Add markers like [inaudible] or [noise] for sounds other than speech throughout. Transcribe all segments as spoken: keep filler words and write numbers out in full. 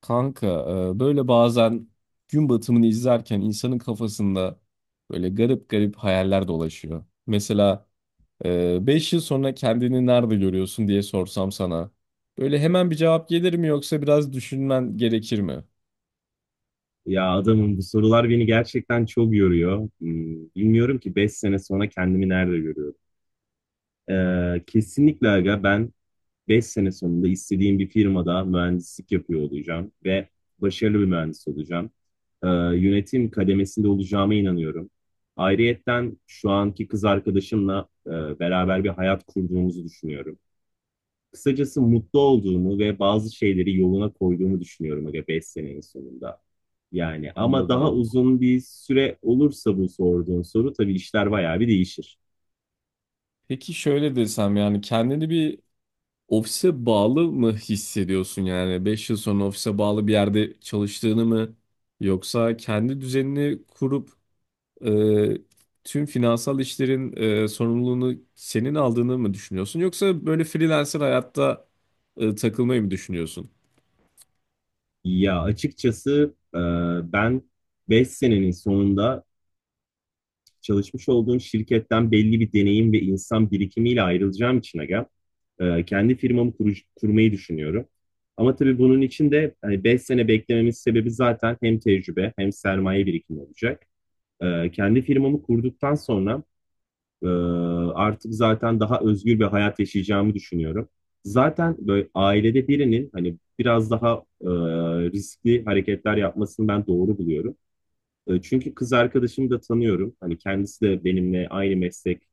Kanka, e, böyle bazen gün batımını izlerken insanın kafasında böyle garip garip hayaller dolaşıyor. Mesela e, beş yıl sonra kendini nerede görüyorsun diye sorsam sana. Böyle hemen bir cevap gelir mi yoksa biraz düşünmen gerekir mi? Ya adamım bu sorular beni gerçekten çok yoruyor. Hmm, Bilmiyorum ki beş sene sonra kendimi nerede görüyorum. Ee, kesinlikle aga ben beş sene sonunda istediğim bir firmada mühendislik yapıyor olacağım ve başarılı bir mühendis olacağım. Ee, yönetim kademesinde olacağıma inanıyorum. Ayrıyetten şu anki kız arkadaşımla e, beraber bir hayat kurduğumuzu düşünüyorum. Kısacası mutlu olduğumu ve bazı şeyleri yoluna koyduğumu düşünüyorum aga beş senenin sonunda. Yani ama daha Anladım. uzun bir süre olursa bu sorduğun soru tabii işler bayağı bir değişir. Peki şöyle desem, yani kendini bir ofise bağlı mı hissediyorsun? Yani beş yıl sonra ofise bağlı bir yerde çalıştığını mı, yoksa kendi düzenini kurup e, tüm finansal işlerin e, sorumluluğunu senin aldığını mı düşünüyorsun? Yoksa böyle freelancer hayatta e, takılmayı mı düşünüyorsun? Ya açıkçası e, ben beş senenin sonunda çalışmış olduğum şirketten belli bir deneyim ve insan birikimiyle ayrılacağım için aga e, kendi firmamı kuruş- kurmayı düşünüyorum. Ama tabii bunun için de hani beş sene beklememin sebebi zaten hem tecrübe hem sermaye birikimi olacak. Ee, kendi firmamı kurduktan sonra e, artık zaten daha özgür bir hayat yaşayacağımı düşünüyorum. Zaten böyle ailede birinin hani biraz daha e, riskli hareketler yapmasını ben doğru buluyorum. E, çünkü kız arkadaşımı da tanıyorum. Hani kendisi de benimle aynı meslek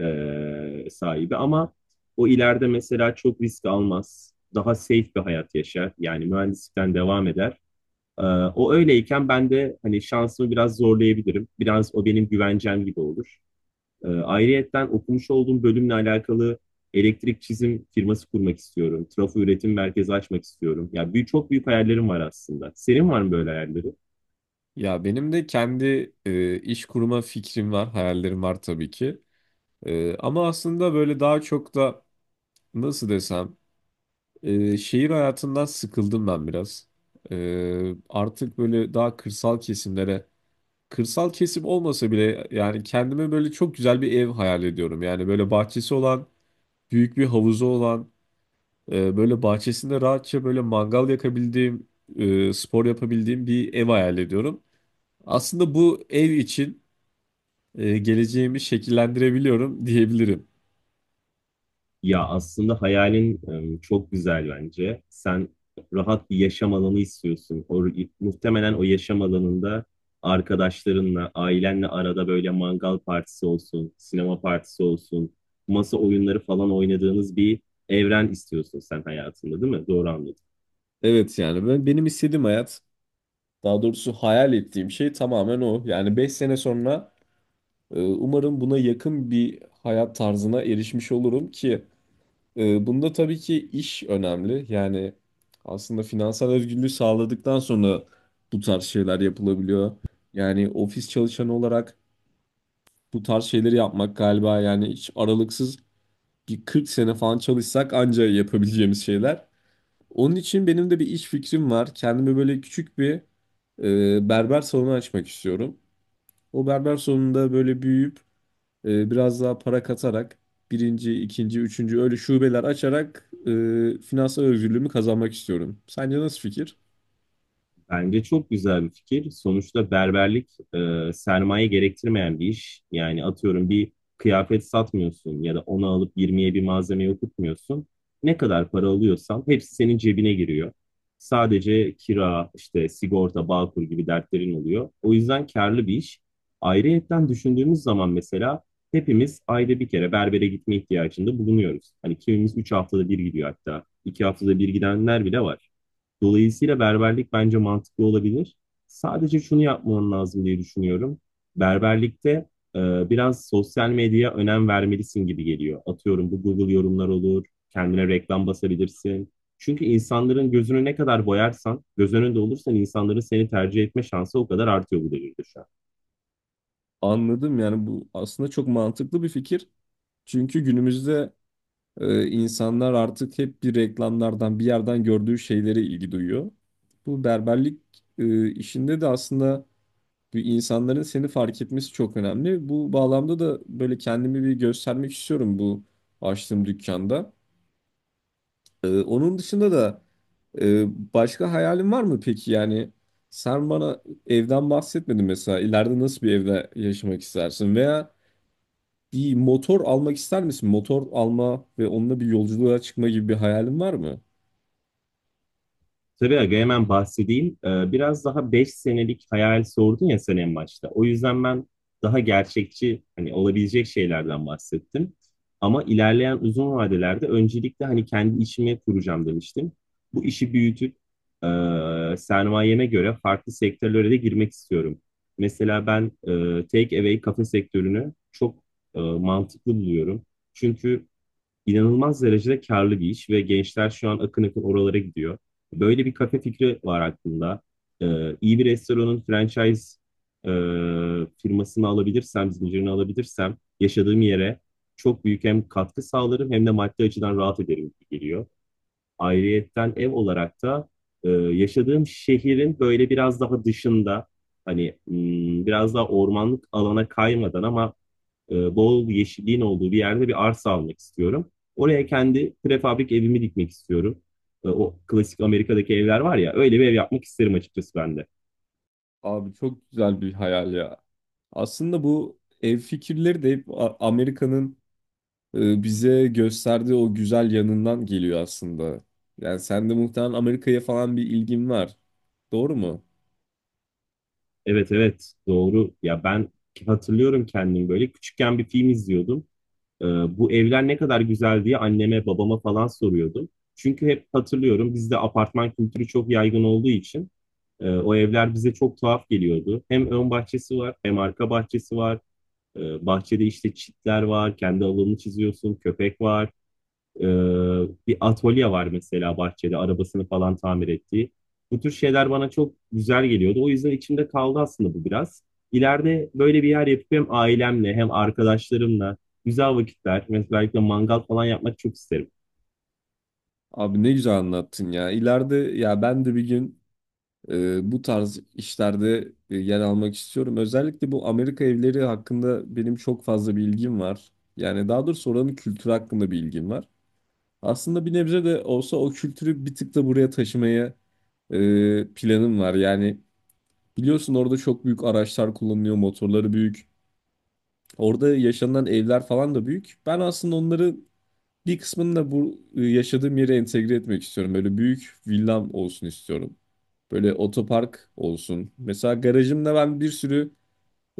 e, sahibi ama o ileride mesela çok risk almaz. Daha safe bir hayat yaşar. Yani mühendislikten devam eder. Ee, o öyleyken ben de hani şansımı biraz zorlayabilirim. Biraz o benim güvencem gibi olur. Ee, ayrıyetten okumuş olduğum bölümle alakalı elektrik çizim firması kurmak istiyorum. Trafo üretim merkezi açmak istiyorum. Ya büyük, çok büyük hayallerim var aslında. Senin var mı böyle hayalleri? Ya benim de kendi e, iş kurma fikrim var, hayallerim var tabii ki. E, ama aslında böyle daha çok da nasıl desem, e, şehir hayatından sıkıldım ben biraz. E, artık böyle daha kırsal kesimlere, kırsal kesim olmasa bile, yani kendime böyle çok güzel bir ev hayal ediyorum. Yani böyle bahçesi olan, büyük bir havuzu olan, e, böyle bahçesinde rahatça böyle mangal yakabildiğim, e, spor yapabildiğim bir ev hayal ediyorum. Aslında bu ev için e, geleceğimi şekillendirebiliyorum [laughs] diyebilirim. Ya aslında hayalin e, çok güzel bence. Sen rahat bir yaşam alanı istiyorsun. O, muhtemelen o yaşam alanında arkadaşlarınla, ailenle arada böyle mangal partisi olsun, sinema partisi olsun, masa oyunları falan oynadığınız bir evren istiyorsun sen hayatında, değil mi? Doğru anladım. Evet yani ben, benim istediğim hayat, daha doğrusu hayal ettiğim şey tamamen o. Yani beş sene sonra, Ee, umarım buna yakın bir hayat tarzına erişmiş olurum ki e, bunda tabii ki iş önemli. Yani aslında finansal özgürlüğü sağladıktan sonra bu tarz şeyler yapılabiliyor. Yani ofis çalışanı olarak bu tarz şeyleri yapmak galiba, yani hiç aralıksız bir kırk sene falan çalışsak anca yapabileceğimiz şeyler. Onun için benim de bir iş fikrim var. Kendime böyle küçük bir e, berber salonu açmak istiyorum. O berber salonunda böyle büyüyüp, E, biraz daha para katarak birinci, ikinci, üçüncü öyle şubeler açarak e, finansal özgürlüğümü kazanmak istiyorum. Sence nasıl fikir? Bence çok güzel bir fikir. Sonuçta berberlik e, sermaye gerektirmeyen bir iş. Yani atıyorum bir kıyafet satmıyorsun ya da onu alıp yirmiye bir malzeme okutmuyorsun. Ne kadar para alıyorsan hepsi senin cebine giriyor. Sadece kira, işte sigorta, bağkur gibi dertlerin oluyor. O yüzden karlı bir iş. Ayrıyetten düşündüğümüz zaman mesela hepimiz ayda bir kere berbere gitme ihtiyacında bulunuyoruz. Hani kimimiz üç haftada bir gidiyor hatta. iki haftada bir gidenler bile var. Dolayısıyla berberlik bence mantıklı olabilir. Sadece şunu yapman lazım diye düşünüyorum. Berberlikte e, biraz sosyal medyaya önem vermelisin gibi geliyor. Atıyorum bu Google yorumlar olur, kendine reklam basabilirsin. Çünkü insanların gözünü ne kadar boyarsan, göz önünde olursan insanların seni tercih etme şansı o kadar artıyor bu devirde şu an. Anladım, yani bu aslında çok mantıklı bir fikir. Çünkü günümüzde e, insanlar artık hep bir reklamlardan, bir yerden gördüğü şeylere ilgi duyuyor. Bu berberlik e, işinde de aslında bir, insanların seni fark etmesi çok önemli. Bu bağlamda da böyle kendimi bir göstermek istiyorum bu açtığım dükkanda. Ee, onun dışında da e, başka hayalin var mı peki? Yani sen bana evden bahsetmedin mesela. İleride nasıl bir evde yaşamak istersin? Veya bir motor almak ister misin? Motor alma ve onunla bir yolculuğa çıkma gibi bir hayalin var mı? Tabii aga hemen bahsedeyim. Ee, biraz daha beş senelik hayal sordun ya sen en başta. O yüzden ben daha gerçekçi hani olabilecek şeylerden bahsettim. Ama ilerleyen uzun vadelerde öncelikle hani kendi işimi kuracağım demiştim. Bu işi büyütüp e, sermayeme göre farklı sektörlere de girmek istiyorum. Mesela ben e, take away kafe sektörünü çok e, mantıklı buluyorum. Çünkü inanılmaz derecede karlı bir iş ve gençler şu an akın akın oralara gidiyor. Böyle bir kafe fikri var aklımda. Ee, iyi bir restoranın franchise e, firmasını alabilirsem, zincirini alabilirsem yaşadığım yere çok büyük hem katkı sağlarım hem de maddi açıdan rahat ederim gibi geliyor. Ayrıyetten ev olarak da e, yaşadığım şehrin böyle biraz daha dışında hani hmm, biraz daha ormanlık alana kaymadan ama e, bol yeşilliğin olduğu bir yerde bir arsa almak istiyorum. Oraya kendi prefabrik evimi dikmek istiyorum. E, o klasik Amerika'daki evler var ya öyle bir ev yapmak isterim açıkçası ben de. Abi çok güzel bir hayal ya. Aslında bu ev fikirleri de hep A- Amerika'nın e, bize gösterdiği o güzel yanından geliyor aslında. Yani sen de muhtemelen Amerika'ya falan bir ilgin var. Doğru mu? Evet evet doğru. Ya ben hatırlıyorum kendimi böyle küçükken bir film izliyordum. Ee, bu evler ne kadar güzel diye anneme babama falan soruyordum. Çünkü hep hatırlıyorum bizde apartman kültürü çok yaygın olduğu için E, o evler bize çok tuhaf geliyordu. Hem ön bahçesi var, hem arka bahçesi var. E, bahçede işte çitler var, kendi alanını çiziyorsun, köpek var. E, bir atölye var mesela bahçede, arabasını falan tamir ettiği. Bu tür şeyler bana çok güzel geliyordu. O yüzden içimde kaldı aslında bu biraz. İleride böyle bir yer yapıp hem ailemle hem arkadaşlarımla güzel vakitler, mesela mangal falan yapmak çok isterim. Abi ne güzel anlattın ya. İleride ya ben de bir gün e, bu tarz işlerde e, yer almak istiyorum. Özellikle bu Amerika evleri hakkında benim çok fazla bilgim var. Yani daha doğrusu oranın kültürü hakkında bilgim var. Aslında bir nebze de olsa o kültürü bir tık da buraya taşımaya e, planım var. Yani biliyorsun orada çok büyük araçlar kullanılıyor, motorları büyük. Orada yaşanan evler falan da büyük. Ben aslında onları, bir kısmını da bu e, yaşadığım yere entegre etmek istiyorum. Böyle büyük villam olsun istiyorum. Böyle otopark olsun. Mesela garajımda ben bir sürü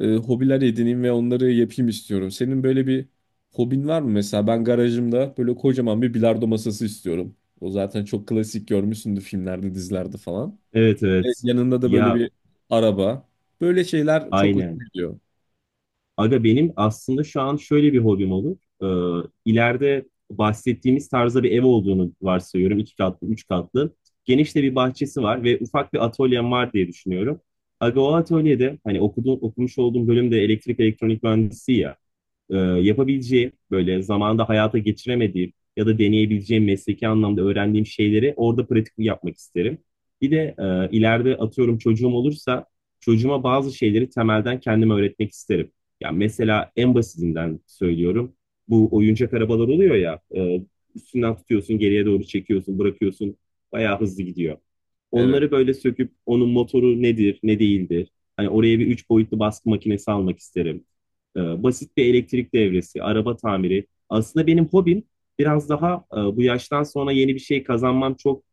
e, hobiler edineyim ve onları yapayım istiyorum. Senin böyle bir hobin var mı? Mesela ben garajımda böyle kocaman bir bilardo masası istiyorum. O zaten çok klasik, görmüşsündür filmlerde, dizilerde falan. Evet Ve evet. yanında da böyle Ya bir araba. Böyle şeyler çok aynen. hoşuma gidiyor. Aga benim aslında şu an şöyle bir hobim olur. Ee, ileride bahsettiğimiz tarzda bir ev olduğunu varsayıyorum. İki katlı, üç katlı. Geniş de bir bahçesi var ve ufak bir atölyem var diye düşünüyorum. Aga o atölyede hani okuduğum, okumuş olduğum bölüm de elektrik elektronik mühendisi ya e, yapabileceğim, böyle zamanda hayata geçiremediğim ya da deneyebileceğim mesleki anlamda öğrendiğim şeyleri orada pratik yapmak isterim. Bir de e, ileride atıyorum çocuğum olursa çocuğuma bazı şeyleri temelden kendime öğretmek isterim. Yani mesela en basitinden söylüyorum. Bu oyuncak arabalar oluyor ya, e, üstünden tutuyorsun, geriye doğru çekiyorsun, bırakıyorsun. Bayağı hızlı gidiyor. Evet, Onları böyle söküp onun motoru nedir, ne değildir. Hani oraya bir üç boyutlu baskı makinesi almak isterim e, basit bir elektrik devresi, araba tamiri. Aslında benim hobim biraz daha e, bu yaştan sonra yeni bir şey kazanmam çok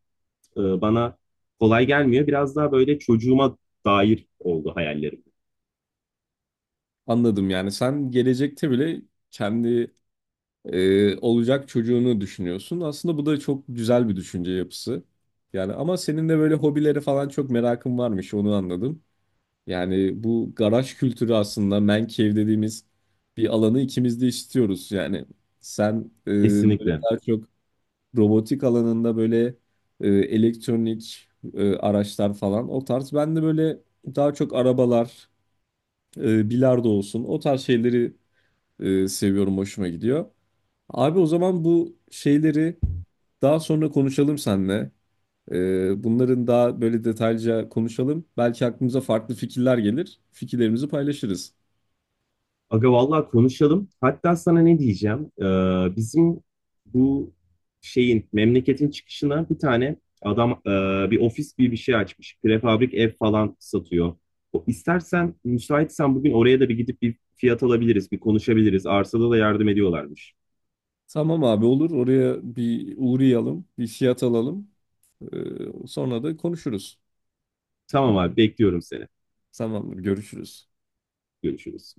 e, bana kolay gelmiyor. Biraz daha böyle çocuğuma dair oldu hayallerim. anladım yani. Sen gelecekte bile kendi e, olacak çocuğunu düşünüyorsun. Aslında bu da çok güzel bir düşünce yapısı. Yani ama senin de böyle hobilere falan çok merakın varmış, onu anladım. Yani bu garaj kültürü, aslında man cave dediğimiz bir alanı ikimiz de istiyoruz. Yani sen e, böyle Kesinlikle. daha çok robotik alanında, böyle e, elektronik e, araçlar falan o tarz. Ben de böyle daha çok arabalar, e, bilardo olsun, o tarz şeyleri e, seviyorum, hoşuma gidiyor. Abi o zaman bu şeyleri daha sonra konuşalım seninle. Ee, bunların daha böyle detaylıca konuşalım. Belki aklımıza farklı fikirler gelir. Fikirlerimizi paylaşırız. Aga vallahi konuşalım. Hatta sana ne diyeceğim? Ee, bizim bu şeyin memleketin çıkışına bir tane adam e, bir ofis gibi bir şey açmış. Prefabrik ev falan satıyor. O, istersen müsaitsen bugün oraya da bir gidip bir fiyat alabiliriz, bir konuşabiliriz. Arsada da yardım ediyorlarmış. Tamam abi, olur. Oraya bir uğrayalım, bir fiyat alalım. Ee, sonra da konuşuruz. Tamam abi bekliyorum seni. Tamamdır, görüşürüz. Görüşürüz.